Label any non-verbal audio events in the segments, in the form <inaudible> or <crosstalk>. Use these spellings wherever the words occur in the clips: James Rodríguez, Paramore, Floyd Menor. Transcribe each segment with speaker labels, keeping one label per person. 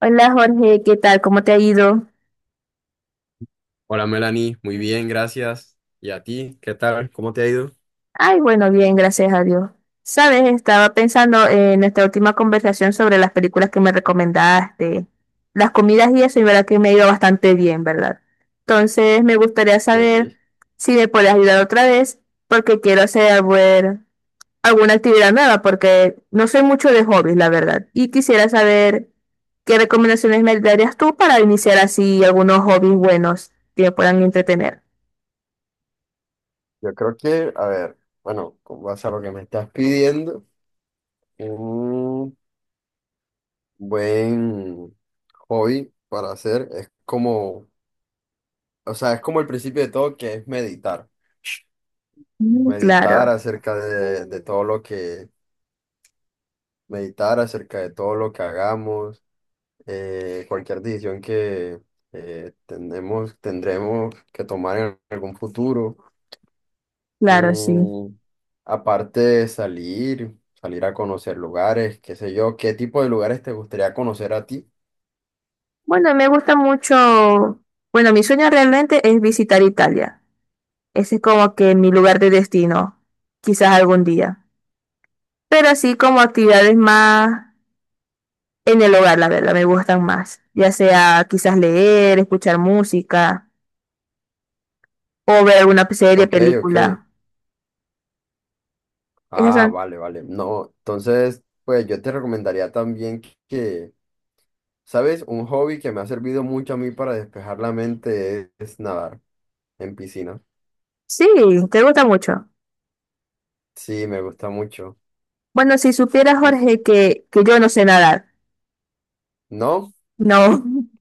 Speaker 1: Hola Jorge, ¿qué tal? ¿Cómo te ha ido?
Speaker 2: Hola Melanie, muy bien, gracias. ¿Y a ti? ¿Qué tal? ¿Cómo te ha ido?
Speaker 1: Ay, bueno, bien, gracias a Dios. Sabes, estaba pensando en nuestra última conversación sobre las películas que me recomendaste, las comidas y eso, y verdad que me ha ido bastante bien, ¿verdad? Entonces, me gustaría saber
Speaker 2: Ok.
Speaker 1: si me puedes ayudar otra vez, porque quiero hacer bueno, alguna actividad nueva, porque no soy mucho de hobbies, la verdad. Y quisiera saber qué recomendaciones me darías tú para iniciar así algunos hobbies buenos que me puedan entretener.
Speaker 2: Yo creo que, a ver, bueno, con base a lo que me estás pidiendo, un buen hobby para hacer es como, o sea, es como el principio de todo que es meditar.
Speaker 1: Mm,
Speaker 2: Meditar
Speaker 1: claro,
Speaker 2: acerca de todo lo que, meditar acerca de todo lo que hagamos, cualquier decisión que tenemos, tendremos que tomar en algún futuro.
Speaker 1: claro, sí.
Speaker 2: Mm, aparte de salir, salir a conocer lugares, qué sé yo, ¿qué tipo de lugares te gustaría conocer a ti?
Speaker 1: Bueno, me gusta mucho, bueno, mi sueño realmente es visitar Italia. Ese es como que mi lugar de destino, quizás algún día. Pero así como actividades más en el hogar, la verdad, me gustan más. Ya sea quizás leer, escuchar música o ver alguna serie,
Speaker 2: Ok, ok.
Speaker 1: película. Esas
Speaker 2: Ah,
Speaker 1: son.
Speaker 2: vale, vale. No, entonces, pues yo te recomendaría también que, ¿sabes? Un hobby que me ha servido mucho a mí para despejar la mente es nadar en piscina.
Speaker 1: Sí, te gusta mucho.
Speaker 2: Sí, me gusta mucho.
Speaker 1: Bueno, si supieras,
Speaker 2: No,
Speaker 1: Jorge, que yo no sé nadar.
Speaker 2: ¿no?
Speaker 1: No. <laughs>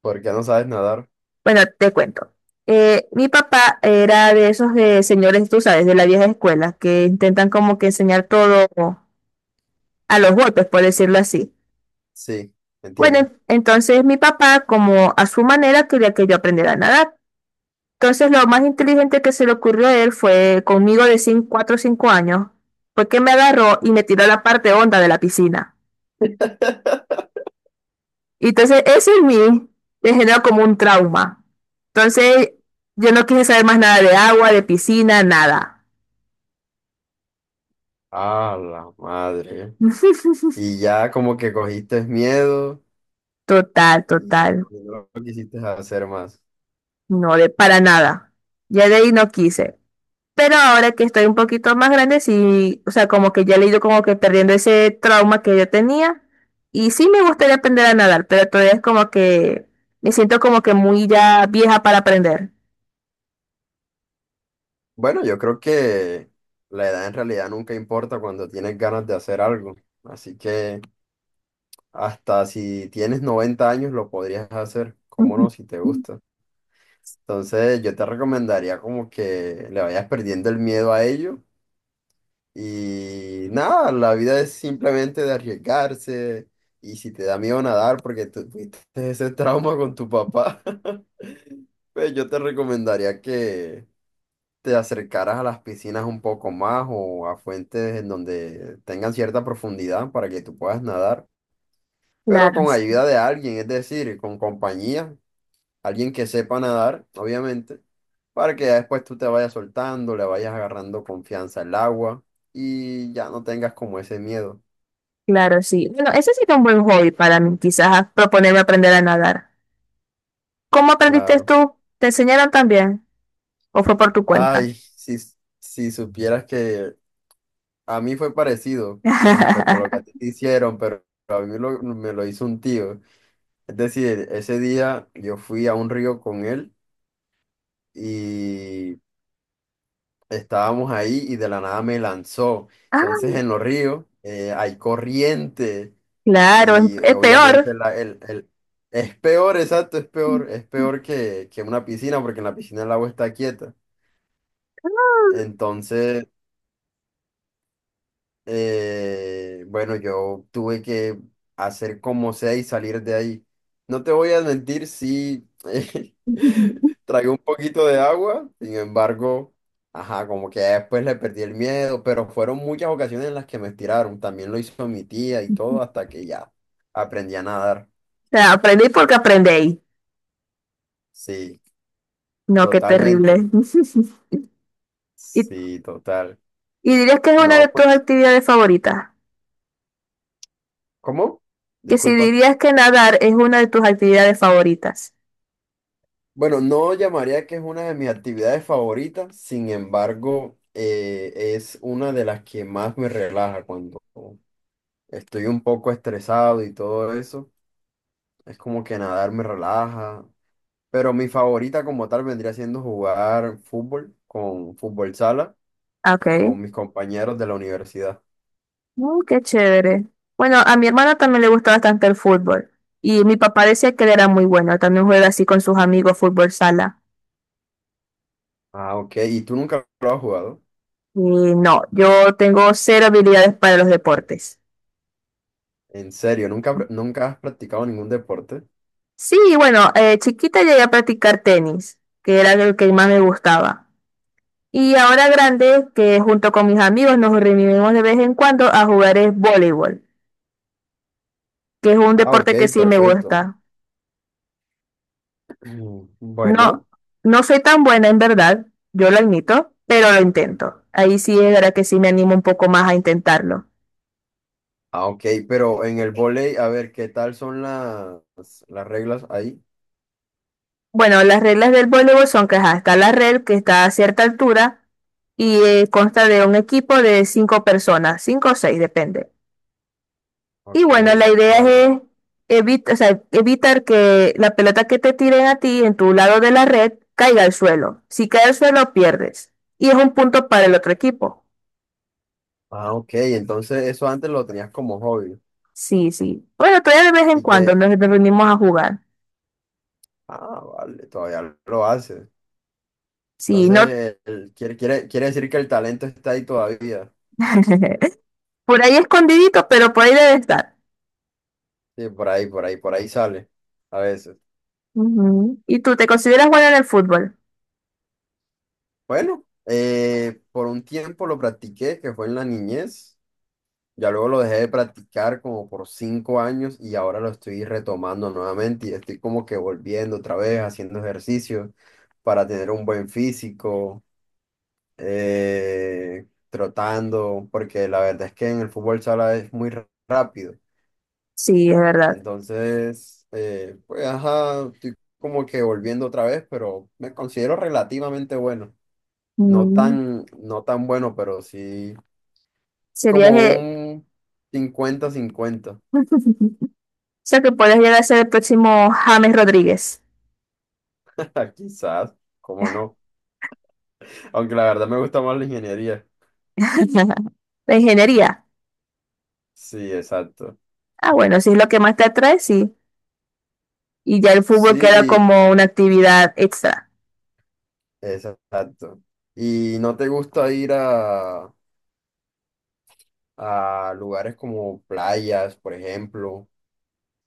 Speaker 2: ¿Por qué no sabes nadar?
Speaker 1: Bueno, te cuento. Mi papá era de esos señores, tú sabes, de la vieja escuela, que intentan como que enseñar todo a los golpes, por decirlo así.
Speaker 2: Sí,
Speaker 1: Bueno,
Speaker 2: entiendo.
Speaker 1: entonces mi papá, como a su manera, quería que yo aprendiera a nadar. Entonces lo más inteligente que se le ocurrió a él fue conmigo de 4 o 5 años, porque me agarró y me tiró a la parte honda de la piscina. Y entonces eso en mí me generó como un trauma. Entonces yo no quise saber más nada de agua, de piscina, nada.
Speaker 2: Ah, la madre.
Speaker 1: <laughs>
Speaker 2: Y ya como que cogiste miedo.
Speaker 1: Total,
Speaker 2: Y
Speaker 1: total.
Speaker 2: no lo quisiste hacer más.
Speaker 1: No, de para nada. Ya de ahí no quise. Pero ahora que estoy un poquito más grande, sí, o sea, como que ya le he ido como que perdiendo ese trauma que yo tenía. Y sí me gustaría aprender a nadar, pero todavía es como que me siento como que muy ya vieja para aprender.
Speaker 2: Bueno, yo creo que la edad en realidad nunca importa cuando tienes ganas de hacer algo. Así que hasta si tienes 90 años lo podrías hacer, cómo no,
Speaker 1: <laughs>
Speaker 2: si te gusta. Entonces yo te recomendaría como que le vayas perdiendo el miedo a ello. Y nada, la vida es simplemente de arriesgarse. Y si te da miedo nadar porque tú tuviste ese trauma con tu papá, <laughs> pues yo te recomendaría que te acercaras a las piscinas un poco más o a fuentes en donde tengan cierta profundidad para que tú puedas nadar, pero
Speaker 1: Claro,
Speaker 2: con ayuda de alguien, es decir, con compañía, alguien que sepa nadar, obviamente, para que ya después tú te vayas soltando, le vayas agarrando confianza al agua y ya no tengas como ese miedo,
Speaker 1: claro, sí. Bueno, ese sería un buen hobby para mí, quizás proponerme aprender a nadar. ¿Cómo aprendiste
Speaker 2: claro.
Speaker 1: tú? ¿Te enseñaron también? ¿O fue por tu cuenta?
Speaker 2: Ay, si, si supieras que a mí fue parecido con respecto a lo que a ti
Speaker 1: <laughs>
Speaker 2: te hicieron, pero a mí me lo hizo un tío. Es decir, ese día yo fui a un río con él y estábamos ahí y de la nada me lanzó. Entonces en los ríos hay corriente
Speaker 1: Claro, es,
Speaker 2: y
Speaker 1: es peor.
Speaker 2: obviamente es peor, exacto, es peor
Speaker 1: <laughs>
Speaker 2: que una piscina porque en la piscina el agua está quieta. Entonces bueno, yo tuve que hacer como sea y salir de ahí. No te voy a mentir, sí, <laughs> tragué un poquito de agua, sin embargo, ajá, como que ya después le perdí el miedo, pero fueron muchas ocasiones en las que me estiraron. También lo hizo mi tía y todo, hasta que ya aprendí a nadar.
Speaker 1: O sea, aprendí porque aprendéis.
Speaker 2: Sí,
Speaker 1: No, qué
Speaker 2: totalmente.
Speaker 1: terrible. <laughs> ¿Y,
Speaker 2: Sí, total.
Speaker 1: y dirías que es una de
Speaker 2: No,
Speaker 1: tus
Speaker 2: pues,
Speaker 1: actividades favoritas?
Speaker 2: ¿cómo?
Speaker 1: Que si
Speaker 2: Disculpa.
Speaker 1: dirías que nadar es una de tus actividades favoritas.
Speaker 2: Bueno, no llamaría que es una de mis actividades favoritas, sin embargo, es una de las que más me relaja cuando estoy un poco estresado y todo eso. Es como que nadar me relaja, pero mi favorita como tal vendría siendo jugar fútbol con fútbol sala,
Speaker 1: Ok.
Speaker 2: con mis compañeros de la universidad.
Speaker 1: Qué chévere. Bueno, a mi hermana también le gusta bastante el fútbol. Y mi papá decía que él era muy bueno. También juega así con sus amigos fútbol sala.
Speaker 2: Ah, ok. ¿Y tú nunca lo has jugado?
Speaker 1: Y no, yo tengo cero habilidades para los deportes.
Speaker 2: ¿En serio? ¿Nunca, nunca has practicado ningún deporte?
Speaker 1: Sí, bueno, chiquita llegué a practicar tenis, que era el que más me gustaba. Y ahora grande, que junto con mis amigos nos reunimos de vez en cuando a jugar es voleibol, que es un
Speaker 2: Ah, ok,
Speaker 1: deporte que sí me
Speaker 2: perfecto.
Speaker 1: gusta.
Speaker 2: <clears throat>
Speaker 1: No,
Speaker 2: Bueno.
Speaker 1: no soy tan buena en verdad, yo lo admito, pero lo intento. Ahí sí es verdad que sí me animo un poco más a intentarlo.
Speaker 2: Ah, ok, pero en el vóley, a ver, ¿qué tal son las reglas ahí?
Speaker 1: Bueno, las reglas del voleibol son que ajá, está la red que está a cierta altura y consta de un equipo de cinco personas, cinco o seis, depende. Y
Speaker 2: Ok,
Speaker 1: bueno, la idea
Speaker 2: vale.
Speaker 1: es o sea, evitar que la pelota que te tiren a ti en tu lado de la red caiga al suelo. Si cae al suelo, pierdes. Y es un punto para el otro equipo.
Speaker 2: Ah, ok, entonces eso antes lo tenías como hobby
Speaker 1: Sí, sí. Bueno, todavía de vez en
Speaker 2: y
Speaker 1: cuando
Speaker 2: que,
Speaker 1: nos reunimos a jugar.
Speaker 2: ah, vale, todavía lo haces.
Speaker 1: Sí, no.
Speaker 2: Entonces, quiere decir que el talento está ahí todavía.
Speaker 1: <laughs> Por ahí escondidito, pero por ahí debe estar.
Speaker 2: Sí, por ahí, por ahí, por ahí sale a veces.
Speaker 1: Ujú. ¿Y tú te consideras bueno en el fútbol?
Speaker 2: Bueno, por un tiempo lo practiqué, que fue en la niñez. Ya luego lo dejé de practicar como por 5 años y ahora lo estoy retomando nuevamente y estoy como que volviendo otra vez, haciendo ejercicio para tener un buen físico, trotando, porque la verdad es que en el fútbol sala es muy rápido.
Speaker 1: Sí, es verdad.
Speaker 2: Entonces, pues ajá, estoy como que volviendo otra vez, pero me considero relativamente bueno. No
Speaker 1: Mm.
Speaker 2: tan, no tan bueno, pero sí
Speaker 1: Serías.
Speaker 2: como un 50/50.
Speaker 1: <laughs> O sea, que podrías llegar a ser el próximo James Rodríguez.
Speaker 2: Ah, quizás, cómo no. Aunque la verdad me gusta más la ingeniería.
Speaker 1: <laughs> La ingeniería.
Speaker 2: Sí, exacto.
Speaker 1: Ah, bueno, si es lo que más te atrae, sí. Y ya el
Speaker 2: Sí,
Speaker 1: fútbol queda
Speaker 2: y
Speaker 1: como una actividad extra.
Speaker 2: exacto. ¿Y no te gusta ir a lugares como playas, por ejemplo?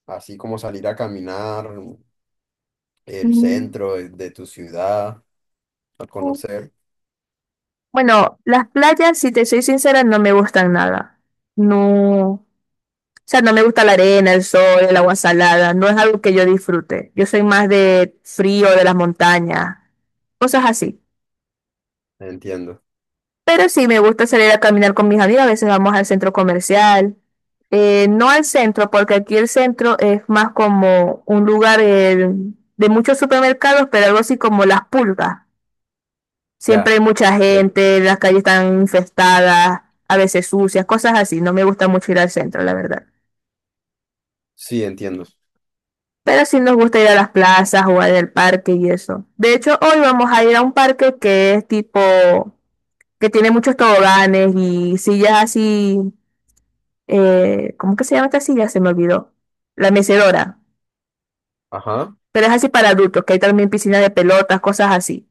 Speaker 2: Así como salir a caminar el
Speaker 1: Mm.
Speaker 2: centro de tu ciudad, a conocer.
Speaker 1: Bueno, las playas, si te soy sincera, no me gustan nada. No, o sea, no me gusta la arena, el sol, el agua salada. No es algo que yo disfrute. Yo soy más de frío, de las montañas, cosas así.
Speaker 2: Entiendo.
Speaker 1: Pero sí, me gusta salir a caminar con mis amigas. A veces vamos al centro comercial. No al centro, porque aquí el centro es más como un lugar de muchos supermercados, pero algo así como las pulgas. Siempre
Speaker 2: Ya,
Speaker 1: hay mucha
Speaker 2: ok.
Speaker 1: gente, las calles están infestadas, a veces sucias, cosas así. No me gusta mucho ir al centro, la verdad.
Speaker 2: Sí, entiendo.
Speaker 1: Pero sí nos gusta ir a las plazas, jugar en el parque y eso. De hecho, hoy vamos a ir a un parque que es tipo, que tiene muchos toboganes y sillas así ¿cómo que se llama esta silla? Se me olvidó. La mecedora.
Speaker 2: Ajá.
Speaker 1: Pero es así para adultos, que hay también piscina de pelotas, cosas así.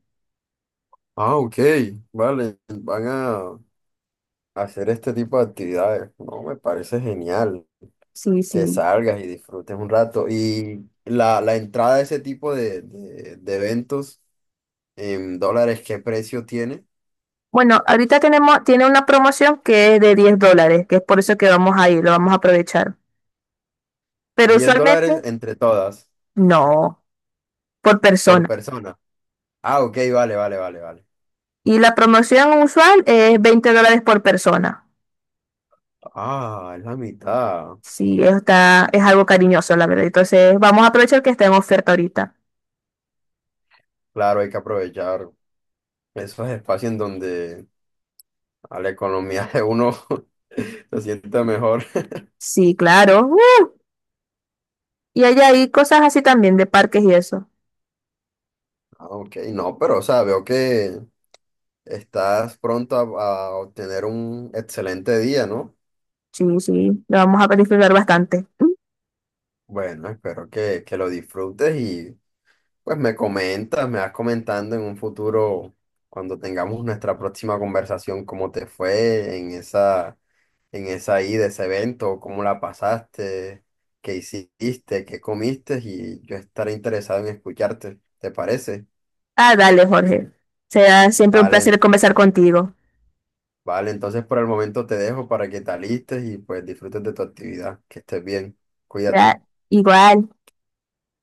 Speaker 2: Ah, ok. Vale. Van a hacer este tipo de actividades. No, me parece genial,
Speaker 1: Sí,
Speaker 2: que
Speaker 1: sí.
Speaker 2: salgas y disfrutes un rato. Y la entrada a ese tipo de eventos en dólares, ¿qué precio tiene?
Speaker 1: Bueno, ahorita tiene una promoción que es de $10, que es por eso que vamos a ir, lo vamos a aprovechar. Pero
Speaker 2: diez
Speaker 1: usualmente,
Speaker 2: dólares entre todas,
Speaker 1: no, por
Speaker 2: por
Speaker 1: persona.
Speaker 2: persona. Ah, ok, vale, vale, vale, vale.
Speaker 1: Y la promoción usual es $20 por persona.
Speaker 2: Ah, es la mitad.
Speaker 1: Sí, es algo cariñoso, la verdad. Entonces, vamos a aprovechar que está en oferta ahorita.
Speaker 2: Claro, hay que aprovechar esos espacios en donde a la economía de uno <laughs> se sienta mejor.
Speaker 1: Sí, claro. ¡Uh! Y hay ahí cosas así también de parques y eso.
Speaker 2: Ah, ok, no, pero o sea, veo que estás pronto a obtener un excelente día, ¿no?
Speaker 1: Sí, sí, lo vamos a disfrutar bastante.
Speaker 2: Bueno, espero que lo disfrutes y pues me comentas, me vas comentando en un futuro, cuando tengamos nuestra próxima conversación, cómo te fue en esa ida, ese evento, cómo la pasaste, qué hiciste, qué comiste y yo estaré interesado en escucharte, ¿te parece?
Speaker 1: Ah, dale, Jorge. Será siempre un placer
Speaker 2: Vale,
Speaker 1: conversar contigo.
Speaker 2: vale, entonces por el momento te dejo para que te alistes y pues disfrutes de tu actividad, que estés bien, cuídate.
Speaker 1: Ya, igual.